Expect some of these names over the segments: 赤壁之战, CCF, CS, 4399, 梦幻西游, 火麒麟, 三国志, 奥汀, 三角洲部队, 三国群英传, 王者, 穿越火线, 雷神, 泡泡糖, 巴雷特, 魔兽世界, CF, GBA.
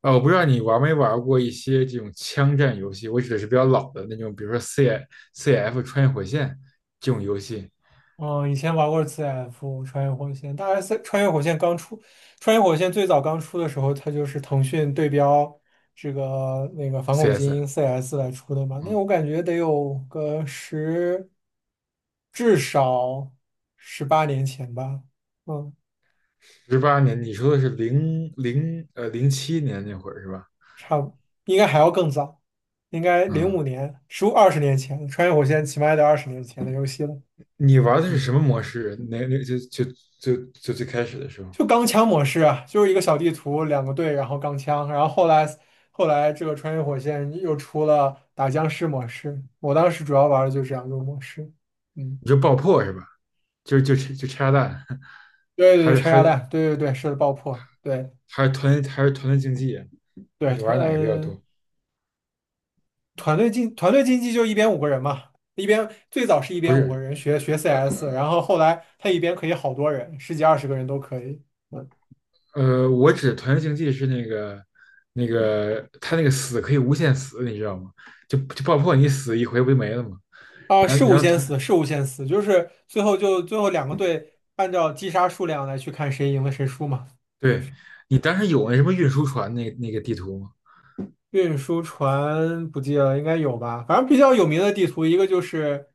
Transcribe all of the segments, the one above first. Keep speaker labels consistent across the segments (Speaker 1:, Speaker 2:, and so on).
Speaker 1: 啊，我不知道你玩没玩过一些这种枪战游戏，我指的是比较老的那种，比如说 C F 穿越火线这种游戏
Speaker 2: 嗯，以前玩过 CF 穿越火线，穿越火线刚出，穿越火线最早刚出的时候，它就是腾讯对标反
Speaker 1: ，C
Speaker 2: 恐精
Speaker 1: S，
Speaker 2: 英 CS 来出的嘛。那
Speaker 1: 嗯。
Speaker 2: 我感觉得有个十，至少18年前吧。嗯，
Speaker 1: 18年，你说的是07年那会儿是吧？
Speaker 2: 差不，应该还要更早，应该零
Speaker 1: 嗯。
Speaker 2: 五年，十五二十年前，穿越火线起码也得二十年前的游戏了。
Speaker 1: 你玩的是什
Speaker 2: 嗯。
Speaker 1: 么模式？那那就就就就最开始的时候，
Speaker 2: 就钢枪模式啊，就是一个小地图，两个队，然后钢枪，然后后来这个穿越火线又出了打僵尸模式，我当时主要玩的就是这两种模式。嗯，
Speaker 1: 你就爆破是吧？就拆炸弹，
Speaker 2: 对对
Speaker 1: 还
Speaker 2: 对，
Speaker 1: 是
Speaker 2: 拆
Speaker 1: 还
Speaker 2: 炸
Speaker 1: 是
Speaker 2: 弹，对对对，是的爆破，对
Speaker 1: 还是团队竞技啊？
Speaker 2: 对，
Speaker 1: 你玩哪个比较多？
Speaker 2: 团队竞技就一边五个人嘛，一边最早是一
Speaker 1: 不
Speaker 2: 边五个
Speaker 1: 是，
Speaker 2: 人学 CS,然后后来他一边可以好多人，十几二十个人都可以。
Speaker 1: 我指的团队竞技是那个他那个死可以无限死，你知道吗？就爆破你死一回不就没了吗？
Speaker 2: 啊，
Speaker 1: 然
Speaker 2: 是
Speaker 1: 后
Speaker 2: 无
Speaker 1: 然后
Speaker 2: 限
Speaker 1: 他，
Speaker 2: 死，是无限死，就是最后两个队按照击杀数量来去看谁赢了谁输嘛。
Speaker 1: 对。你当时有那什么运输船那个地图吗？
Speaker 2: 运输船不记得了，应该有吧？反正比较有名的地图，一个就是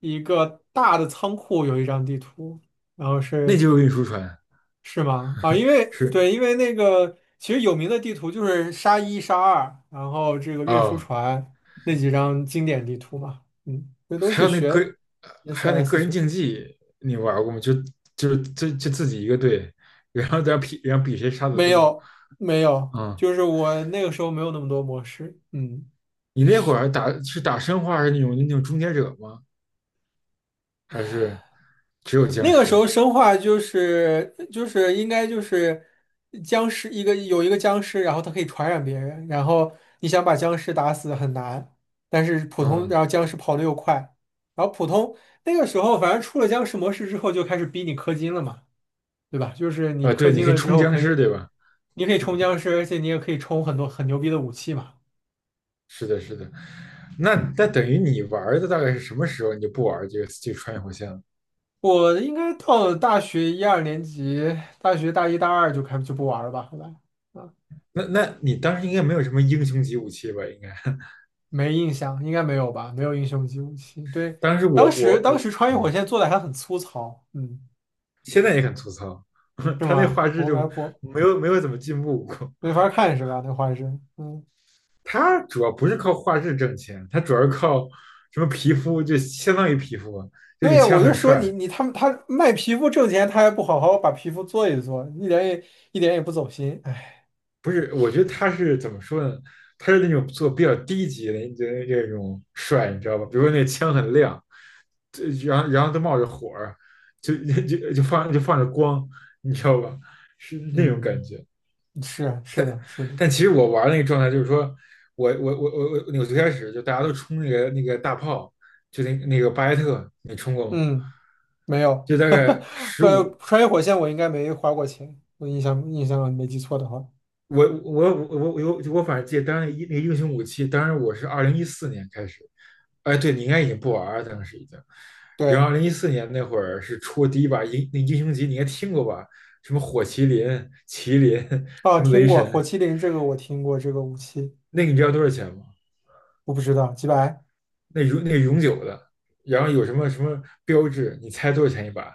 Speaker 2: 一个大的仓库有一张地图，然后
Speaker 1: 那
Speaker 2: 是
Speaker 1: 就是运输船。
Speaker 2: 是吗？啊，因为
Speaker 1: 是。
Speaker 2: 对，因为那个其实有名的地图就是沙一、沙二，然后这个运输
Speaker 1: 哦。
Speaker 2: 船那几张经典地图嘛，嗯，这都
Speaker 1: 还
Speaker 2: 是
Speaker 1: 有那个
Speaker 2: 学
Speaker 1: 还有那
Speaker 2: CS
Speaker 1: 个人
Speaker 2: 学的。
Speaker 1: 竞技你玩过吗？就自己一个队，然后在那比，然后比谁杀的
Speaker 2: 没
Speaker 1: 多。
Speaker 2: 有没有，
Speaker 1: 嗯。
Speaker 2: 就是我那个时候没有那么多模式。嗯。
Speaker 1: 你那会儿打是打生化是那种终结者吗？还是只有僵
Speaker 2: 那个时
Speaker 1: 尸？
Speaker 2: 候生化就是应该就是僵尸一个有一个僵尸，然后它可以传染别人，然后你想把僵尸打死很难，但是普通
Speaker 1: 嗯。
Speaker 2: 然后僵尸跑的又快，然后普通那个时候反正出了僵尸模式之后就开始逼你氪金了嘛，对吧？就是你
Speaker 1: 啊，
Speaker 2: 氪
Speaker 1: 对，你
Speaker 2: 金
Speaker 1: 可以
Speaker 2: 了之
Speaker 1: 冲
Speaker 2: 后
Speaker 1: 僵
Speaker 2: 可
Speaker 1: 尸，
Speaker 2: 以，
Speaker 1: 对吧？
Speaker 2: 你可以冲僵尸，而且你也可以冲很多很牛逼的武器嘛。
Speaker 1: 是的，是的。那等于你玩的大概是什么时候你就不玩这个穿越火线了？
Speaker 2: 我应该到了大学一二年级，大学大一大二就不玩了吧，后来。
Speaker 1: 那你当时应该没有什么英雄级武器吧？应该
Speaker 2: 没印象，应该没有吧？没有英雄级武器。对，
Speaker 1: 当时我
Speaker 2: 当
Speaker 1: 我
Speaker 2: 时当
Speaker 1: 我，
Speaker 2: 时穿越火线做的还很粗糙，嗯，
Speaker 1: 现在也很粗糙。
Speaker 2: 是
Speaker 1: 他那
Speaker 2: 吗？
Speaker 1: 画质
Speaker 2: 我
Speaker 1: 就
Speaker 2: 来不
Speaker 1: 没有怎么进步过。
Speaker 2: 没法看是吧？那画质。嗯，
Speaker 1: 他主要不是靠画质挣钱，他主要是靠什么皮肤，就相当于皮肤啊，就你
Speaker 2: 对，
Speaker 1: 枪
Speaker 2: 我就
Speaker 1: 很
Speaker 2: 说你
Speaker 1: 帅。
Speaker 2: 你他们他卖皮肤挣钱，他还不好好把皮肤做一做，一点也不走心，哎。
Speaker 1: 不是，我觉得他是怎么说呢？他是那种做比较低级的你觉得那种帅，你知道吧？比如说那枪很亮，然后都冒着火，就就放着光，你知道吧？是那种感
Speaker 2: 嗯，
Speaker 1: 觉。
Speaker 2: 是啊，是的是的。
Speaker 1: 但其实我玩那个状态就是说，我最开始就大家都冲那个大炮，就那个巴雷特，你冲过吗？
Speaker 2: 嗯，没有。
Speaker 1: 就大概十
Speaker 2: 呃，
Speaker 1: 五
Speaker 2: 穿越火线我应该没花过钱，我印象没记错的话，
Speaker 1: 我反正记得当时那个英雄武器，当时我是二零一四年开始。哎，对，你应该已经不玩了，当时已经。然
Speaker 2: 对。
Speaker 1: 后二零一四年那会儿是出第一把那英雄级，你应该听过吧？什么火麒麟、麒麟，
Speaker 2: 哦，
Speaker 1: 什么
Speaker 2: 听
Speaker 1: 雷
Speaker 2: 过火
Speaker 1: 神。
Speaker 2: 麒麟，这个我听过这个武器。
Speaker 1: 那个你知道多少钱吗？
Speaker 2: 我不知道，几百。
Speaker 1: 那个永久的，然后有什么什么标志，你猜多少钱一把？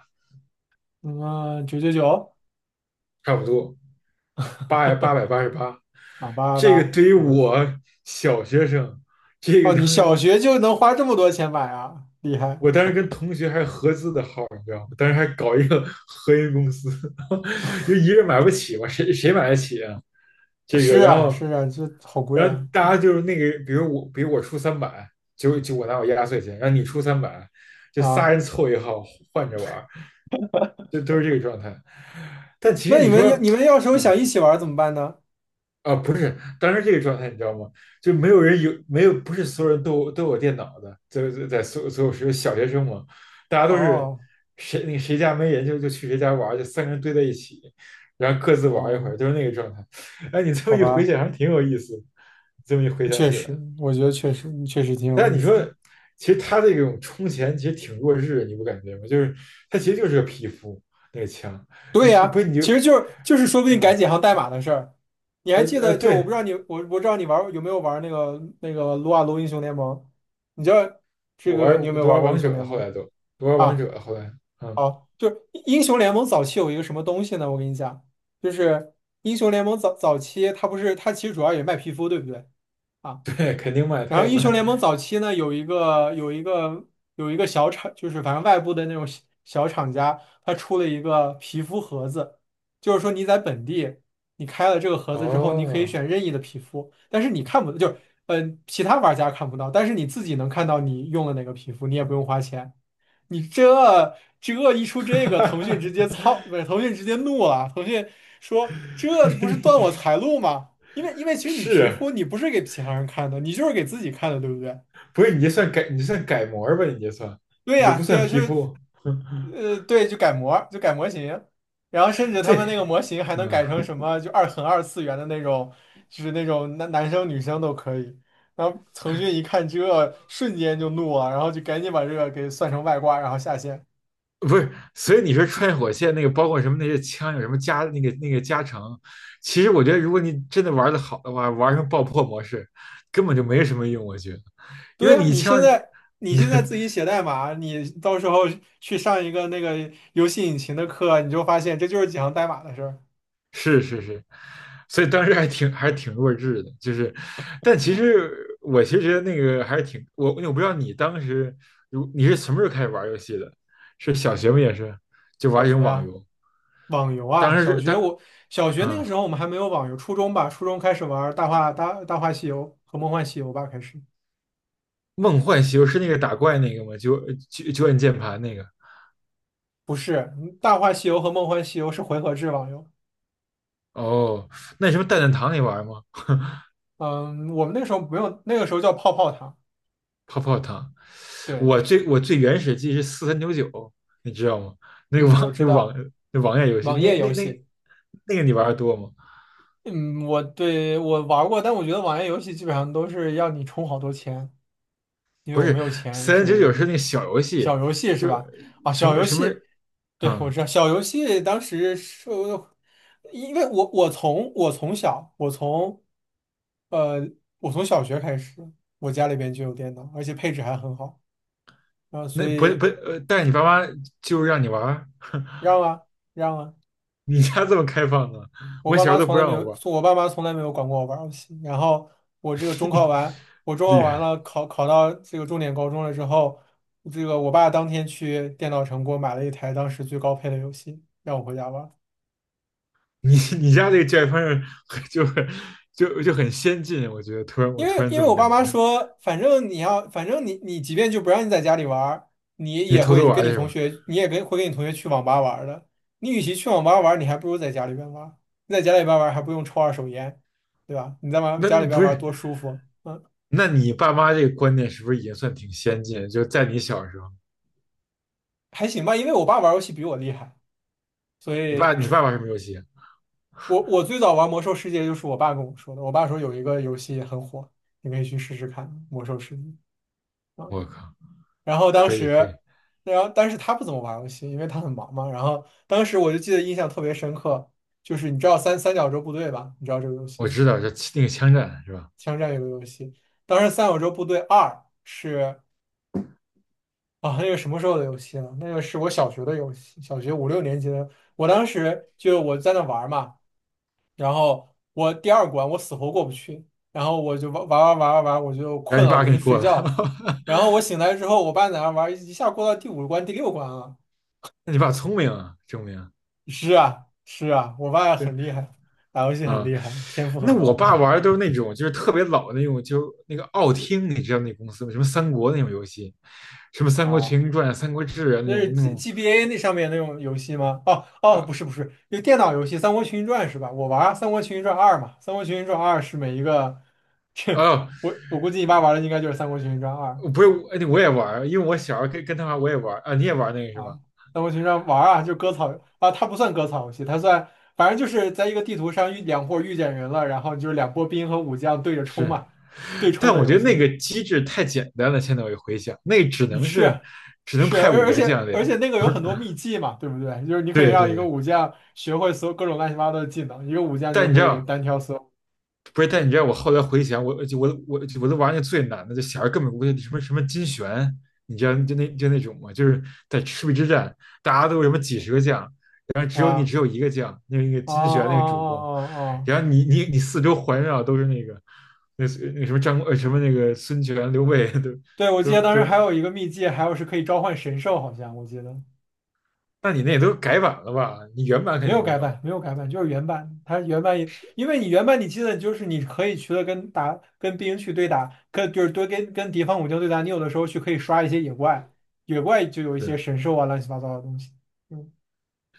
Speaker 2: 嗯，999。
Speaker 1: 差不多888。
Speaker 2: 啊，八八
Speaker 1: 这个
Speaker 2: 八，
Speaker 1: 对于
Speaker 2: 嗯，
Speaker 1: 我小学生，这
Speaker 2: 哦，
Speaker 1: 个当
Speaker 2: 你小
Speaker 1: 时，
Speaker 2: 学就能花这么多钱买啊，厉害！
Speaker 1: 我当时跟同学还合资的号，你知道吗？当时还搞一个合营公司，因为一个人买不起嘛，谁买得起啊？这
Speaker 2: 是
Speaker 1: 个，然
Speaker 2: 啊，是
Speaker 1: 后，
Speaker 2: 啊，这好贵
Speaker 1: 然后
Speaker 2: 啊。
Speaker 1: 大
Speaker 2: 嗯，
Speaker 1: 家就是那个，比如我，出三百，就我拿我压岁钱，然后你出三百，就仨
Speaker 2: 啊，
Speaker 1: 人凑一号换着玩儿，就都是这个状态。但其实
Speaker 2: 那你
Speaker 1: 你
Speaker 2: 们要
Speaker 1: 说，
Speaker 2: 你们要是有
Speaker 1: 嗯，
Speaker 2: 想一起玩儿怎么办呢？
Speaker 1: 啊，不是，当时这个状态你知道吗？就没有人有，没有，不是所有人都有电脑的，在所有时候小学生嘛，大家都是
Speaker 2: 哦
Speaker 1: 谁那个谁家没人就去谁家玩儿，就三个人堆在一起，然后各自玩儿一会
Speaker 2: 哦，
Speaker 1: 儿，就是那个状态。哎，你这么
Speaker 2: 好
Speaker 1: 一回
Speaker 2: 吧，
Speaker 1: 想，还挺有意思的，这么一回想
Speaker 2: 确
Speaker 1: 起
Speaker 2: 实，
Speaker 1: 来。
Speaker 2: 我觉得确实挺有
Speaker 1: 但
Speaker 2: 意
Speaker 1: 你说，
Speaker 2: 思。
Speaker 1: 其实他这种充钱其实挺弱智的，你不感觉吗？就是他其实就是个皮肤那个枪。
Speaker 2: 对
Speaker 1: 你
Speaker 2: 呀，
Speaker 1: 不是你就，
Speaker 2: 其实就是说不定改
Speaker 1: 嗯，
Speaker 2: 几行代码的事儿。你还记得，就是我不
Speaker 1: 对，
Speaker 2: 知道你我我不知道你有没有玩儿那个撸啊撸英雄联盟？你知道这
Speaker 1: 我
Speaker 2: 个你有没
Speaker 1: 玩
Speaker 2: 有
Speaker 1: 都
Speaker 2: 玩
Speaker 1: 玩
Speaker 2: 过英
Speaker 1: 王
Speaker 2: 雄
Speaker 1: 者
Speaker 2: 联
Speaker 1: 了，后
Speaker 2: 盟？
Speaker 1: 来都玩王
Speaker 2: 啊，
Speaker 1: 者了，后来，嗯。
Speaker 2: 哦，就是英雄联盟早期有一个什么东西呢？我跟你讲，就是英雄联盟早早期，它不是它其实主要也卖皮肤，对不对啊？
Speaker 1: 对，肯定卖，
Speaker 2: 然
Speaker 1: 他
Speaker 2: 后
Speaker 1: 也
Speaker 2: 英雄联
Speaker 1: 卖。
Speaker 2: 盟早期呢，有一个小厂，就是反正外部的那种小厂家，它出了一个皮肤盒子，就是说你在本地你开了这个盒子之后，你可以
Speaker 1: 哦。
Speaker 2: 选任意的皮肤，但是你看不就是其他玩家看不到，但是你自己能看到你用了哪个皮肤，你也不用花钱。你这这一出 这个，腾讯直接
Speaker 1: 哈。
Speaker 2: 操，不是腾讯直接怒了。腾讯说这不
Speaker 1: 你
Speaker 2: 是
Speaker 1: 你
Speaker 2: 断我财路吗？因为其实你
Speaker 1: 是
Speaker 2: 皮肤
Speaker 1: 啊，
Speaker 2: 你不是给其他人看的，你就是给自己看的，对不对？
Speaker 1: 不是你就算改你算改模吧？你就算
Speaker 2: 对
Speaker 1: 你就
Speaker 2: 呀，
Speaker 1: 不
Speaker 2: 对
Speaker 1: 算
Speaker 2: 呀，
Speaker 1: 皮肤，
Speaker 2: 对，就改模型然后甚至他
Speaker 1: 这，
Speaker 2: 们那个模型还能改
Speaker 1: 嗯，
Speaker 2: 成什么，就二次元的那种，就是那种男生女生都可以。然后腾讯一看这，瞬间就怒了，然后就赶紧把这个给算成外挂，然后下线。
Speaker 1: 不是。所以你说穿越火线那个，包括什么那些枪有什么加那个加成，其实我觉得如果你真的玩的好的话，玩成爆破模式根本就没什么用，我觉得，因
Speaker 2: 对
Speaker 1: 为
Speaker 2: 呀，
Speaker 1: 你
Speaker 2: 你现
Speaker 1: 枪。对。
Speaker 2: 在你现在 自己写代码，你到时候去上一个那个游戏引擎的课，你就发现这就是几行代码的事儿。
Speaker 1: 是是是。所以当时还挺，还是挺弱智的，就是，但其实我其实觉得那个还是挺不知道你当时你是什么时候开始玩游戏的？是小学不也是就
Speaker 2: 小
Speaker 1: 玩一种
Speaker 2: 学
Speaker 1: 网
Speaker 2: 啊，
Speaker 1: 游？
Speaker 2: 网游
Speaker 1: 当
Speaker 2: 啊，
Speaker 1: 时
Speaker 2: 小
Speaker 1: 是
Speaker 2: 学
Speaker 1: 当，
Speaker 2: 我小学那个
Speaker 1: 嗯，
Speaker 2: 时候我们还没有网游，初中吧，初中开始玩儿大话西游和梦幻西游吧，开始
Speaker 1: 梦幻西游是那个打怪那个吗？就按键盘那个？
Speaker 2: 不是嗯大话西游和梦幻西游是回合制网游。
Speaker 1: 哦，那什么蛋蛋糖你玩吗？
Speaker 2: 嗯，我们那个时候不用，那个时候叫泡泡堂。
Speaker 1: 泡泡糖。
Speaker 2: 对，
Speaker 1: 我最原始记忆是四三九九，你知道吗？那个
Speaker 2: 嗯，我
Speaker 1: 网
Speaker 2: 知
Speaker 1: 那个网
Speaker 2: 道，
Speaker 1: 那网页游戏，
Speaker 2: 网
Speaker 1: 那
Speaker 2: 页
Speaker 1: 那
Speaker 2: 游
Speaker 1: 那
Speaker 2: 戏。
Speaker 1: 那个你玩的多吗？
Speaker 2: 嗯，我玩过，但我觉得网页游戏基本上都是要你充好多钱。因为
Speaker 1: 不
Speaker 2: 我没
Speaker 1: 是，
Speaker 2: 有钱，
Speaker 1: 四三
Speaker 2: 所
Speaker 1: 九九是
Speaker 2: 以
Speaker 1: 那个小游戏，
Speaker 2: 小游戏是
Speaker 1: 就
Speaker 2: 吧？啊，
Speaker 1: 什
Speaker 2: 小
Speaker 1: 么
Speaker 2: 游
Speaker 1: 什么
Speaker 2: 戏，对，我
Speaker 1: 啊、
Speaker 2: 知道小游戏当时是，因为呃我从小学开始，我家里边就有电脑，而且配置还很好。啊，所
Speaker 1: 那不不，
Speaker 2: 以
Speaker 1: 但是你爸妈就是让你玩儿，
Speaker 2: 让啊，让啊。
Speaker 1: 你家这么开放啊？
Speaker 2: 我
Speaker 1: 我
Speaker 2: 爸
Speaker 1: 小时候
Speaker 2: 妈
Speaker 1: 都
Speaker 2: 从
Speaker 1: 不
Speaker 2: 来没
Speaker 1: 让我
Speaker 2: 有，
Speaker 1: 玩儿。
Speaker 2: 我爸妈从来没有管过我玩儿游戏。然后我这个中考 完，我中考
Speaker 1: 厉
Speaker 2: 完
Speaker 1: 害！
Speaker 2: 了，考到这个重点高中了之后，这个我爸当天去电脑城给我买了一台当时最高配的游戏，让我回家玩儿。
Speaker 1: 你家这个教育方式就是很先进，我觉得突然
Speaker 2: 因
Speaker 1: 我
Speaker 2: 为
Speaker 1: 突然
Speaker 2: 因
Speaker 1: 这
Speaker 2: 为
Speaker 1: 么
Speaker 2: 我
Speaker 1: 感
Speaker 2: 爸
Speaker 1: 觉，
Speaker 2: 妈说，反正你要，反正你即便就不让你在家里玩儿，你
Speaker 1: 你
Speaker 2: 也
Speaker 1: 偷偷
Speaker 2: 会
Speaker 1: 玩
Speaker 2: 跟
Speaker 1: 儿
Speaker 2: 你
Speaker 1: 去
Speaker 2: 同
Speaker 1: 吧？
Speaker 2: 学，你也会跟你同学去网吧玩儿的。你与其去网吧玩儿，你还不如在家里边玩儿。你在家里边玩儿还不用抽二手烟，对吧？你在玩
Speaker 1: 那
Speaker 2: 家
Speaker 1: 那
Speaker 2: 里边
Speaker 1: 不
Speaker 2: 玩儿
Speaker 1: 是？
Speaker 2: 多舒服。嗯，
Speaker 1: 那你爸妈这个观念是不是已经算挺先进？就在你小时候，
Speaker 2: 还行吧，因为我爸玩游戏比我厉害，所
Speaker 1: 你爸
Speaker 2: 以
Speaker 1: 你爸玩什么游戏啊？
Speaker 2: 我最早玩魔兽世界就是我爸跟我说的。我爸说有一个游戏很火，你可以去试试看《魔兽世界》啊。
Speaker 1: 我靠，
Speaker 2: 然后当
Speaker 1: 可以可
Speaker 2: 时，
Speaker 1: 以，
Speaker 2: 然后但是他不怎么玩游戏，因为他很忙嘛。然后当时我就记得印象特别深刻，就是你知道三角洲部队吧？你知道这个游戏
Speaker 1: 我
Speaker 2: 吗？
Speaker 1: 知道，就那个枪战是吧？
Speaker 2: 枪战类的游戏。当时《三角洲部队二》是啊，那个什么时候的游戏了？那个是我小学的游戏，小学五六年级的。我当时就我在那玩儿嘛。然后我第二关我死活过不去，然后我就玩，我就
Speaker 1: 让
Speaker 2: 困
Speaker 1: 你
Speaker 2: 了，
Speaker 1: 爸
Speaker 2: 我就
Speaker 1: 给你
Speaker 2: 去
Speaker 1: 过
Speaker 2: 睡
Speaker 1: 了。
Speaker 2: 觉了。然后我醒来之后，我爸在那玩，一下过到第五关、第六关了。
Speaker 1: 那你爸聪明啊，证明
Speaker 2: 是啊，是啊，我爸
Speaker 1: 对，
Speaker 2: 很厉害，打游戏很
Speaker 1: 啊。
Speaker 2: 厉害，天赋
Speaker 1: 那
Speaker 2: 很
Speaker 1: 我
Speaker 2: 高
Speaker 1: 爸玩的都是那种就是特别老的那种，就那个奥汀，你知道那公司吗？什么三国那种游戏，什么
Speaker 2: 啊。
Speaker 1: 《三国群英传》《三国志》啊，那
Speaker 2: 那是
Speaker 1: 种那 种
Speaker 2: GBA 那上面那种游戏吗？哦哦，
Speaker 1: 呃
Speaker 2: 不是不是，就电脑游戏《三国群英传》是吧？我玩儿三国群英传二》嘛，《三国群英传二》是每一个，这
Speaker 1: 哦，
Speaker 2: 我估计你爸玩的应该就是《三国群英传二》
Speaker 1: 不是，我也玩，因为我小时候跟他玩，我也玩啊，你也玩那个是吧？
Speaker 2: 啊，那我平常玩儿啊，就割草啊，它不算割草游戏，它算反正就是在一个地图上两波遇见人了，然后就是两波兵和武将对着冲
Speaker 1: 是，
Speaker 2: 嘛，对冲
Speaker 1: 但
Speaker 2: 的
Speaker 1: 我觉
Speaker 2: 游
Speaker 1: 得那
Speaker 2: 戏。
Speaker 1: 个机制太简单了。现在我一回想，那只
Speaker 2: 嗯，
Speaker 1: 能是
Speaker 2: 是
Speaker 1: 只能
Speaker 2: 是，
Speaker 1: 派五
Speaker 2: 而而
Speaker 1: 个
Speaker 2: 且
Speaker 1: 将领。
Speaker 2: 而且那个有很多秘技嘛，对不对？就是你可以
Speaker 1: 对
Speaker 2: 让一
Speaker 1: 对
Speaker 2: 个
Speaker 1: 对，
Speaker 2: 武将学会所有各种乱七八糟的技能，一个武将就
Speaker 1: 但你知
Speaker 2: 可以
Speaker 1: 道，
Speaker 2: 单挑所有
Speaker 1: 不是，但你知道我后来回想，我就我我我都玩那最难的，就小孩根本不会什么什么金旋，你知道就那就那种嘛，就是在赤壁之战，大家都有什么几十个将，然后只有你
Speaker 2: 啊
Speaker 1: 只有一个将，那个
Speaker 2: 啊啊
Speaker 1: 金
Speaker 2: 啊
Speaker 1: 旋那个主公，
Speaker 2: 啊啊！
Speaker 1: 然后
Speaker 2: 啊
Speaker 1: 你四周环绕都是那个那那什么张什么那个孙权刘备。 都
Speaker 2: 对，我记
Speaker 1: 都
Speaker 2: 得当
Speaker 1: 都，
Speaker 2: 时还有一个秘技，还有是可以召唤神兽，好像我记得。
Speaker 1: 那你那也都改版了吧？你原版肯
Speaker 2: 没
Speaker 1: 定
Speaker 2: 有
Speaker 1: 没
Speaker 2: 改
Speaker 1: 有。
Speaker 2: 版，没有改版，就是原版。它原版也，因为你原版你记得就是你可以去了跟打去对打，跟就是多跟跟敌方武将对打，你有的时候去可以刷一些野怪，野怪就有一
Speaker 1: 对，
Speaker 2: 些神兽啊乱七八糟的东西。嗯，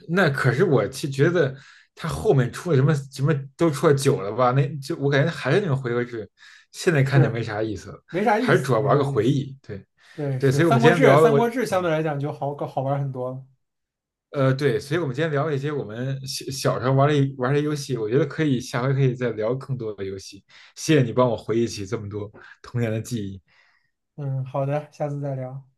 Speaker 1: 那可是我其实觉得他后面出了什么什么都出了久了吧？那就我感觉还是那种回合制，现在看着
Speaker 2: 是
Speaker 1: 没啥意思了，
Speaker 2: 没啥意
Speaker 1: 还是主
Speaker 2: 思，
Speaker 1: 要
Speaker 2: 没
Speaker 1: 玩个
Speaker 2: 啥意
Speaker 1: 回
Speaker 2: 思。
Speaker 1: 忆。对。
Speaker 2: 对，
Speaker 1: 对，
Speaker 2: 是
Speaker 1: 所以我
Speaker 2: 《三
Speaker 1: 们今
Speaker 2: 国
Speaker 1: 天
Speaker 2: 志》，
Speaker 1: 聊的
Speaker 2: 《三
Speaker 1: 我，
Speaker 2: 国志》相
Speaker 1: 嗯，
Speaker 2: 对来讲就好搞好玩很多了。
Speaker 1: 对，所以我们今天聊了一些我们小时候玩的游戏，我觉得可以下回可以再聊更多的游戏。谢谢你帮我回忆起这么多童年的记忆。
Speaker 2: 嗯，好的，下次再聊。